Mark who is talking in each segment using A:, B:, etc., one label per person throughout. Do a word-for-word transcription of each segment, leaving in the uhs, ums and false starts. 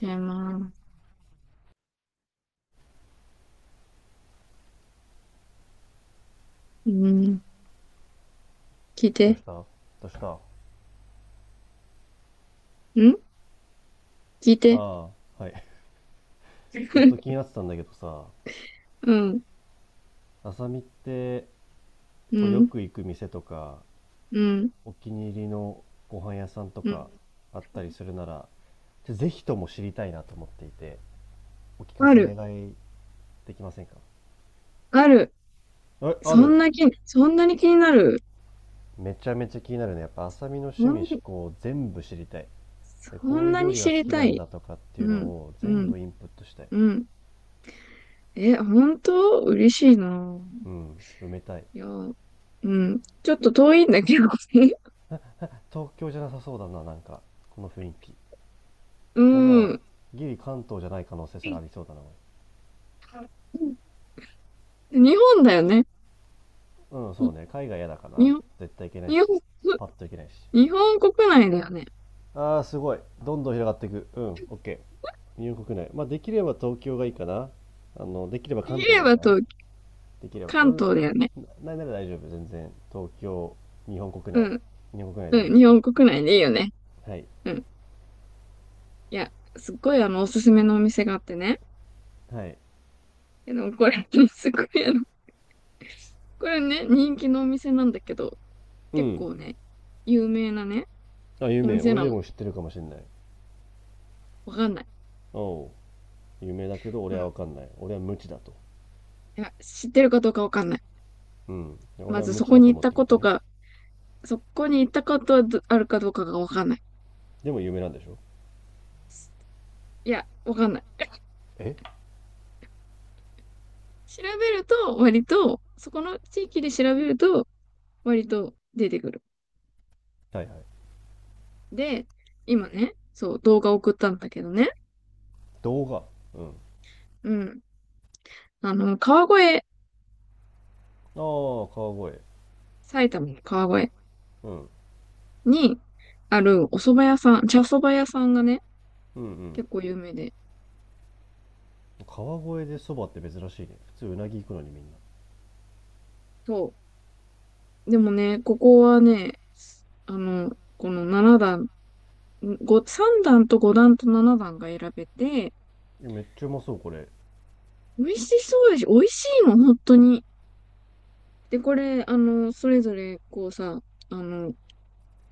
A: 違います。うん。聞い
B: どう
A: て。
B: したどうした。あ
A: ん、聞いて。
B: あ、はい。ずっと気にな ってたんだけどさ、
A: うん。
B: あさみって
A: う
B: こうよ
A: ん。
B: く行く店とか、
A: うん。
B: お気に入りのご飯屋さんと
A: う
B: か
A: ん。
B: あったりするなら、ちょぜひとも知りたいなと思っていて、お聞か
A: あ
B: せ願
A: る。
B: いできませんか？
A: ある。
B: え、ある。
A: そんな気、そんなに気になる？
B: めちゃめちゃ気になるね。やっぱあさみの
A: そ
B: 趣味思
A: ん、
B: 考全部知りたい。で、
A: そ
B: こう
A: ん
B: いう
A: な
B: 料
A: に
B: 理が
A: 知
B: 好
A: り
B: き
A: た
B: なん
A: い？
B: だとかっていう
A: う
B: の
A: ん。
B: を
A: う
B: 全
A: ん。
B: 部インプットしたい。
A: うん。え、本当嬉しいな。
B: うん、埋めたい。
A: いや、うん。ちょっと遠いんだけど。
B: 東京じゃなさそうだな、なんか、この雰囲気。
A: う
B: なんなら、
A: ん。
B: ギリ関東じゃない可能性すらありそうだな。
A: 日本だよね。
B: うん、そ
A: に
B: うね。海外嫌だかな。
A: 日本、
B: 絶対行けない
A: 日
B: し。
A: 本、
B: パッと行けないし。
A: 日本国内だよね。
B: あー、すごい。どんどん広がっていく。うん、OK。日本国内。まあ、できれば東京がいいかな。あの、できれば
A: 言
B: 関東
A: え
B: がいい
A: ば
B: かな。
A: と
B: できれば。う
A: 関
B: ん。
A: 東だよね。
B: な、んなら大丈夫。全然。東京、日本国
A: う
B: 内。
A: ん
B: 日本国内で大
A: う
B: 丈
A: ん、
B: 夫で
A: 日
B: すよ。
A: 本国内でいいよね。
B: はい。
A: うん。いや、すっごいあの、おすすめのお店があってね。
B: はい。
A: でもこれ、すごいあの、これね、人気のお店なんだけど、
B: う
A: 結
B: ん。
A: 構ね、有名なね、
B: あ、有
A: お
B: 名。
A: 店
B: 俺
A: な
B: で
A: の。
B: も知ってるかもしれない。
A: わかんない。
B: おう。有名だけど、
A: う
B: 俺
A: ん。
B: は
A: い
B: わかんない。俺は無知だと。
A: や、知ってるかどうかわかんない。
B: うん。
A: ま
B: 俺は
A: ず
B: 無
A: そ
B: 知
A: こ
B: だ
A: に
B: と
A: 行っ
B: 思っ
A: た
B: てる
A: こ
B: わけ
A: と
B: ね。
A: が、そこに行ったことはどあるかどうかがわかんない。
B: でも有名なんでしょ？
A: いや、わかんない。
B: え、
A: 調べると、割と、そこの地域で調べると、割と出てくる。
B: はいはい。
A: で、今ね、そう、動画送ったんだけどね。
B: 動画。うん。あ
A: うん。あの、川越、
B: あ、川越、
A: 埼玉の川越
B: うん、うん。
A: にあるお蕎麦屋さん、茶蕎麦屋さんがね、
B: うん、
A: 結構有名で。
B: 川越でそばって珍しいね。普通うなぎ行くのにみんな。
A: そう。でもね、ここはね、あの、このななだん段、ごさんだん段とごだん段とななだん段が選べて、
B: いや、めっちゃうまそうこれ。
A: 美味しそうでし、美味しいの、本当に。で、これ、あの、それぞれ、こうさ、あの、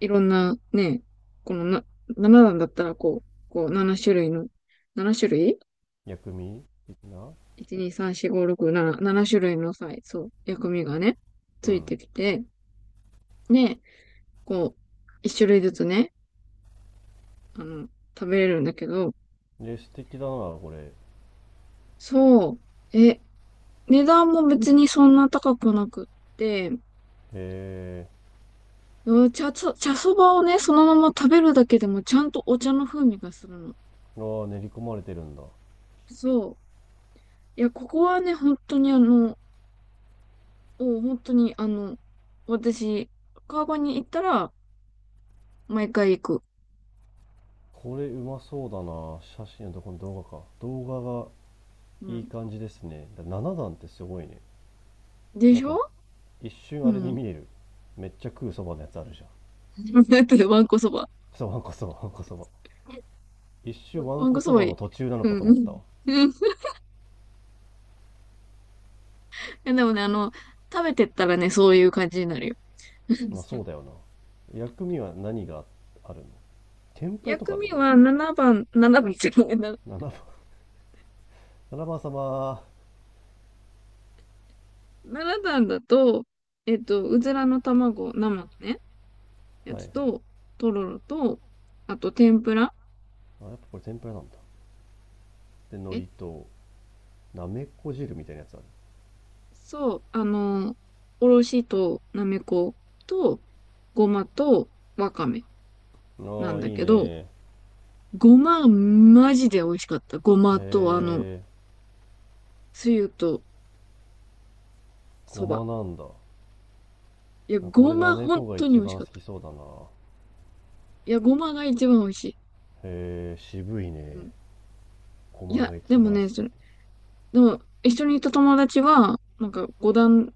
A: いろんなね、このな、ななだん段だったら、こう、こう、ななしゅるい種類の、ななしゅるい種類、
B: 薬味的な。
A: いち、に、さん、し、ご、ろく、しち、ななしゅるい種類のさそう、薬味がね、
B: う
A: ついて
B: ん。
A: きて、で、こう、いっしゅるい種類ずつね、あの、食べれるんだけど、
B: で、素敵だなこれ。へ
A: そう、え、値段も別にそんな高くなくって、
B: え。
A: うん。茶そ、茶そばをね、そのまま食べるだけでもちゃんとお茶の風味がするの。
B: ああ、練り込まれてるんだ。
A: そう。いや、ここはね、本当にあの、お本当にあの、私、川越に行ったら、毎回行く。
B: これうまそうだな。写真のとこの動画か動画が
A: う
B: いい
A: ん。
B: 感じですね。だなな段ってすごいね。
A: で
B: なん
A: しょ。
B: か一瞬
A: う
B: あれに
A: ん。
B: 見える。めっちゃ食うそばのやつあるじゃん。
A: だってわんこそば。
B: そばんこそばんこそば、一瞬わ
A: わ
B: ん
A: ん
B: こ
A: こそ
B: そ
A: ば
B: ば
A: いい。
B: の途中なの
A: う
B: か
A: ん。
B: と
A: う
B: 思った
A: ん。
B: わ。
A: うん。いや、でもね、あの、食べてったらね、そういう感じになるよ。
B: まあそ うだよな。薬味は何があるの？天ぷらとか
A: 薬
B: あるの
A: 味
B: これ？
A: はななばん、ななばんっていうのかな、
B: ななばん、 なな 番様。は
A: なな段だと、えっと、うずらの卵、生のね、
B: い
A: や
B: はい。
A: つと、とろろと、あと天ぷら、
B: あ、やっぱこれ天ぷらなんだ。で、
A: え、
B: 海苔となめこ汁みたいなやつあ
A: そう、あの、おろしとなめこと、ごまとわかめ
B: る。
A: な
B: あ
A: ん
B: あ、
A: だ
B: いい
A: け
B: ね。
A: ど、
B: へ
A: ごま、マジで美味しかった。ごまと、あの、
B: え、
A: つゆと、
B: ご
A: そば。
B: まなんだ。
A: いや、
B: なんか
A: ご
B: 俺な
A: ま
B: め
A: 本
B: こが
A: 当に
B: 一
A: 美味し
B: 番
A: かっ
B: 好
A: た。
B: きそうだな。
A: いや、ごまが一番美味しい。
B: へえ、渋い
A: う
B: ね。
A: ん。
B: ご
A: い
B: ま
A: や、
B: が
A: で
B: 一
A: も
B: 番好きっ
A: ね、そ
B: て。
A: れ、でも、一緒にいた友達は、なんか五段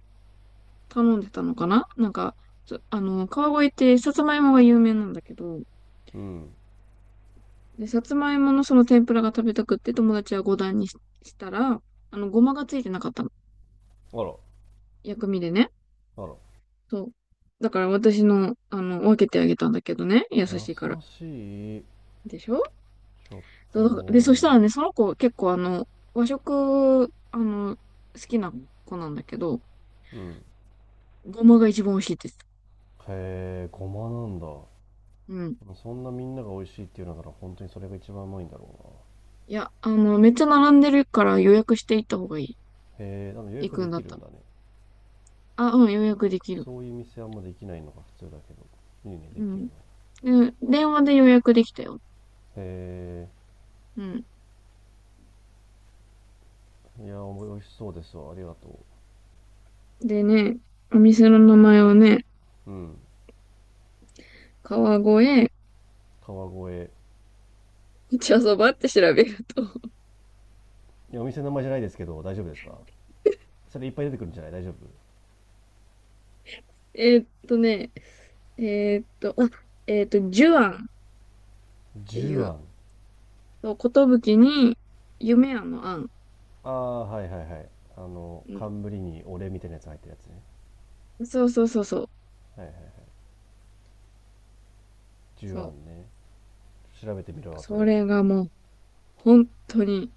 A: 頼んでたのかななんか、そあの、川越ってさつまいもが有名なんだけど、
B: うん。
A: で、さつまいものその天ぷらが食べたくって友達は五段にししたら、あの、ごまがついてなかったの。
B: あら。
A: 薬味でね。
B: あら。
A: そう。だから私の、あの、分けてあげたんだけどね。優
B: 優
A: しいから。
B: しい。
A: でしょ。
B: ちょっ
A: そうで、そした
B: と。
A: らね、その子結構あの、和食、あの、好きな子なんだけど、
B: うん。
A: ごまが一番美味しいです。
B: へえ、ごまなんだ。
A: うん。
B: そんなみんなが美味しいっていうのなら本当にそれが一番うまいんだろ
A: いや、あの、めっちゃ並んでるから予約していった方がいい。
B: うな。へえ、でも予
A: 行
B: 約
A: く
B: で
A: んだ
B: き
A: っ
B: る
A: た
B: ん
A: ら。
B: だね。
A: あ、うん、予約できる。
B: そういう店あんまできないのが普通だけど。いいね、
A: う
B: できる
A: ん。
B: の。
A: で、電話で予約できたよ。
B: へ
A: うん。
B: え、いや、美味しそうですわ。ありがと
A: でね、お店の名前をね、
B: う。うん。
A: 川越
B: 川越。
A: 茶そばって調べると。
B: いや、お店の名前じゃないですけど、大丈夫ですか？それいっぱい出てくるんじゃない？大丈夫？
A: えーっとね、えーっと、あ、えーっと、寿庵っ
B: ジ
A: てい
B: ュア
A: う、
B: ン。
A: そう、寿に夢庵の庵。
B: ああ、はいはいはい。あの、冠にお礼みたいなやつ入ってるやつね。
A: そうそうそうそう。
B: はいはいはい。ジュア
A: そ
B: ンね。調べてみる
A: う。
B: わ、後
A: そ
B: で。
A: れがもう、本当に、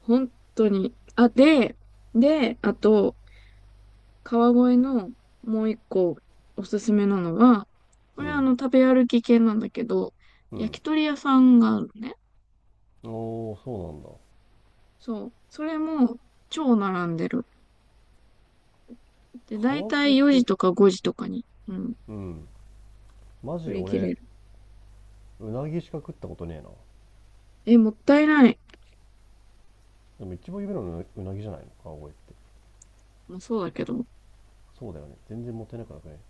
A: 本当に。あ、で、で、あと、川越のもう一個おすすめなのは、こ
B: う
A: れはあ
B: ん。
A: の、食べ歩き系なんだけど、
B: う
A: 焼
B: ん。
A: き鳥屋さんがあるのね。
B: おお、そうなんだ。
A: そう。それも、超並んでる。で、だい
B: 川
A: た
B: 越っ
A: いよじ
B: て、
A: とかごじとかに、うん、
B: うん、マ
A: 売
B: ジ
A: り切
B: 俺、
A: れる。
B: うなぎしか食ったことねえな。
A: え、もったいない。
B: でも一番有名なのうなぎじゃないの川越って。
A: もうそうだけど。
B: そうだよね。全然もったいなくなくね？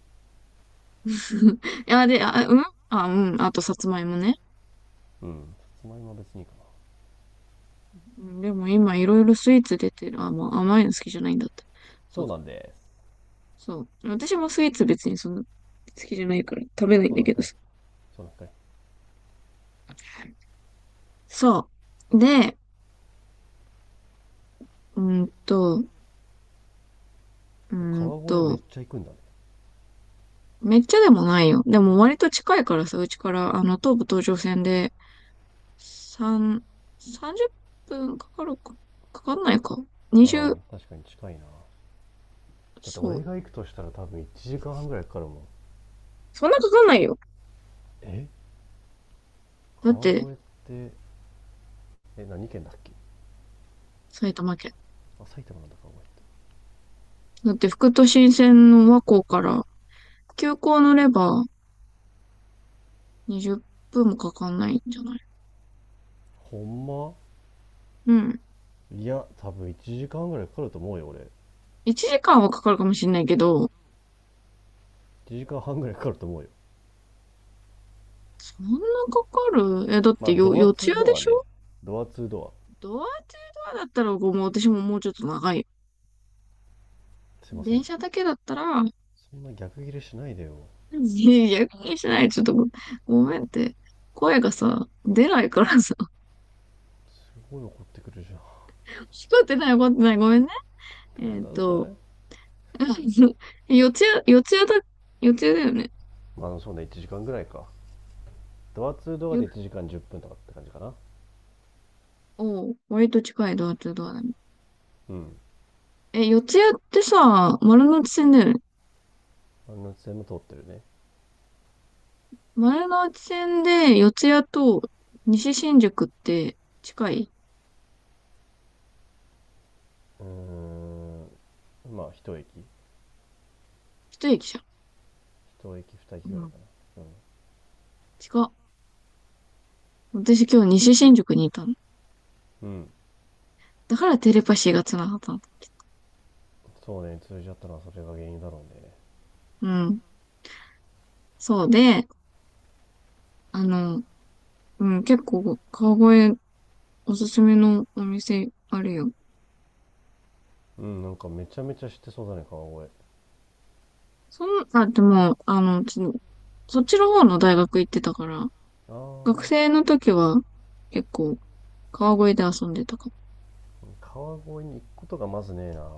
A: いや、で、あ、うん。あ、うん。あと、さつまいもね。
B: うん。さつまいもは別にいいかな。
A: うん。でも今いろいろスイーツ出てる。あ、まあ甘いの好きじゃないんだって。そ
B: そ
A: う
B: う
A: だ。
B: なんです。
A: そう。私もスイーツ別にそんな好きじゃないから食べないん
B: そう
A: だ
B: なん
A: けど
B: かい。
A: さ。
B: そうなんかい。
A: そう。で、うーんと、うーん
B: 川越めっ
A: と、
B: ちゃ行くんだね。
A: めっちゃでもないよ。でも割と近いからさ、うちから、あの、東武東上線で、三さんじゅっぷんかかるか、かかんないか。
B: ああ、
A: にじゅう、
B: 確かに近いな。だって
A: そ
B: 俺
A: う。
B: が行くとしたら多分いちじかんはんぐらいかかるもん。
A: そんなかかんないよ。
B: え、
A: だっ
B: 川
A: て、
B: 越って、え、何県だっけ？
A: 埼玉県。
B: あ、埼玉なんだ川越って。
A: だって、副都心線の和光から、急行乗れば、にじゅっぷんもかかんないんじゃない？
B: ほんま？
A: うん。
B: いや、多分いちじかんぐらいかかると思うよ、俺。
A: いちじかんはかかるかもしれないけど、
B: いちじかんはんぐらいかかると思うよ。
A: そんなかかるえ、だっ
B: ま
A: て
B: あ、
A: よ、
B: ドア
A: 四ツ
B: ツー
A: 谷で
B: ドア
A: し
B: ね。
A: ょ？
B: ドアツードア。
A: ドアツードアだったら、ごめん、私ももうちょっと長いよ。
B: すいませ
A: 電
B: ん。
A: 車だけだったら、
B: そんな逆切れしないでよ。
A: いや、逆にしない。ちょっとご、ごめんって。声がさ、出ないからさ。
B: すごい怒ってくるじゃん。
A: 聞こえてない、聞こえてない。ごめんね。
B: ごめ
A: え
B: ん
A: っ
B: なさ
A: と、
B: い。
A: 四ツ谷、四ツ谷だ、四ツ谷だよね。
B: まあ、そうね、いちじかんぐらいか。ドアツードア
A: よ、
B: でいちじかんじゅっぷんとかって感じかな。
A: おう、割と近いドアツードアだね。
B: うん。
A: え、四ツ谷ってさ、丸ノ内線だよね。
B: あの線も通ってるね。
A: 前の内線で四谷と西新宿って近い
B: うーん。まあ、一駅。
A: 一駅じゃ
B: 一駅、二駅ぐ
A: ん。う
B: らい
A: ん。
B: かな。うん。
A: 近っ。私今日西新宿にいたの。
B: うん。
A: だからテレパシーが繋がったの。
B: そうね、通じ合ったのはそれが原因だろうね。
A: うん。そうで、あの、うん、結構川越おすすめのお店あるよ。
B: うん、なんかめちゃめちゃ知ってそうだね、川越。
A: そん、あ、でも、あの、ちそっちの方の大学行ってたから、
B: あ
A: 学
B: あ、
A: 生の時は結構川越で遊んでたかも。
B: 川越に行くことがまずねえな。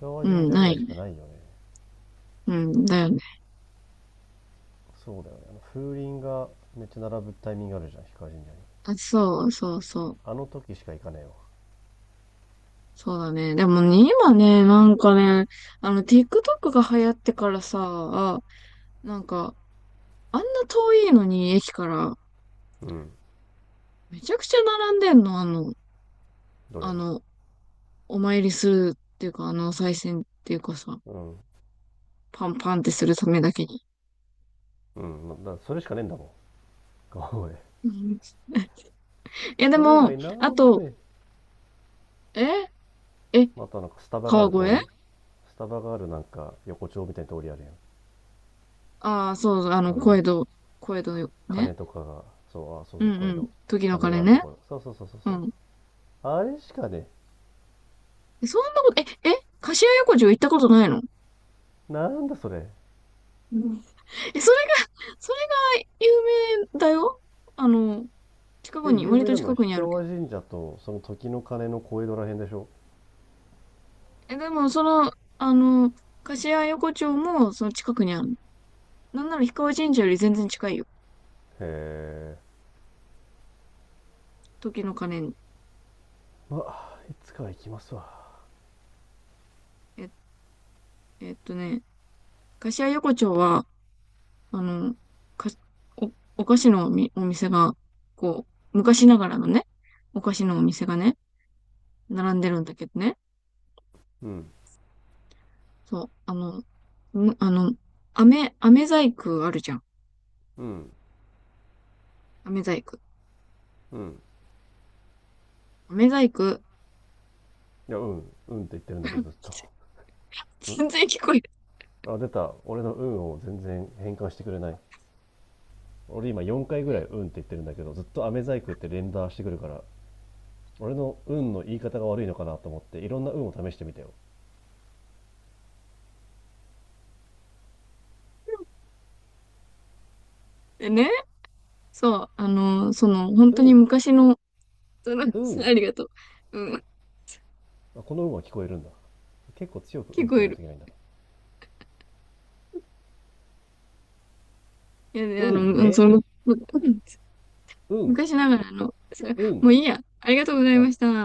B: 氷川
A: う
B: 神
A: ん、
B: 社ぐ
A: な
B: ら
A: い
B: い
A: よ
B: しか
A: ね。
B: ないよね。
A: うん、だよね。
B: そうだよね。あの風鈴がめっちゃ並ぶタイミングあるじゃん氷川神社に。
A: あ、そうそうそう。
B: あの時しか行かねえわ。
A: そうだね。でもね、今ね、なんかね、あの、ティックトック が流行ってからさ、なんか、あんな遠いのに駅から、
B: うん。
A: めちゃくちゃ並んでんの、あの、
B: どれ
A: あ
B: は。
A: の、お参りするっていうか、あの、お賽銭っていうかさ、
B: うん。
A: パンパンってするためだけに。
B: うん。ま、だからそれしかねえんだもん川越。
A: うん。いや、で
B: それ以
A: も、
B: 外な
A: あ
B: んも
A: と、
B: ねえ。
A: ええ
B: あとなんかスタバがあ
A: 川
B: る通
A: 越
B: り、スタバがあるなんか横丁みたいな通りあるやん。
A: ああー、そうそう、あの、
B: あ
A: 小江
B: の
A: 戸、小江戸よ、ね。
B: 鐘とかが、そう、あ、そう
A: う
B: そ
A: ん
B: う、小江
A: うん。
B: 戸、
A: 時の
B: 鐘
A: 鐘
B: があると
A: ね。
B: ころ、そうそうそうそう
A: う
B: そ
A: ん。
B: う。あれしかね
A: そんなこと、え、え、柏屋横丁行ったことないの？
B: え。なんだそれ？
A: え、それが、それが有名だよ。あの、近く
B: で、
A: に、
B: 有
A: 割
B: 名
A: と
B: なの
A: 近
B: は
A: くに
B: 氷
A: あるけ
B: 川
A: ど。
B: 神社とその時の鐘の小江戸らへんでしょ？
A: え、でも、その、あの、柏横丁も、その近くにある。なんなら氷川神社より全然近いよ。
B: へえ。
A: 時の鐘に。
B: まあいつかは行きますわ。
A: え、えっとね、柏横丁は、あの、か、お、お菓子のおみ、お店が、こう、昔ながらのね、お菓子のお店がね、並んでるんだけどね。
B: うん。
A: そう、あの、むあの、飴、飴細工あるじゃん。
B: うん。
A: 飴細工。
B: うん。
A: 飴細工。
B: いや、うんうんって言ってるんだけどずっと。ん、
A: 全然聞こえ
B: あ、出た。俺の運を全然変換してくれない。俺今よんかいぐらいうんって言ってるんだけどずっと飴細工って連打してくるから、俺の運の言い方が悪いのかなと思っていろんな運を試してみたよ。
A: てね。そう、あの、その、本
B: う
A: 当に
B: ん。
A: 昔の、その、
B: う
A: あ
B: ん。
A: りがとう。うん、
B: あ、この運は聞こえるんだ。結構強くうん
A: 聞
B: って
A: こ
B: 言
A: え
B: わない
A: る。
B: といけないんだ。
A: いや、で、
B: う
A: あの、
B: ん。
A: うん、
B: で、
A: その、うん、
B: うん。
A: 昔ながらの、それ
B: う
A: も
B: ん。
A: ういいや。ありがとうござい
B: あ
A: ました。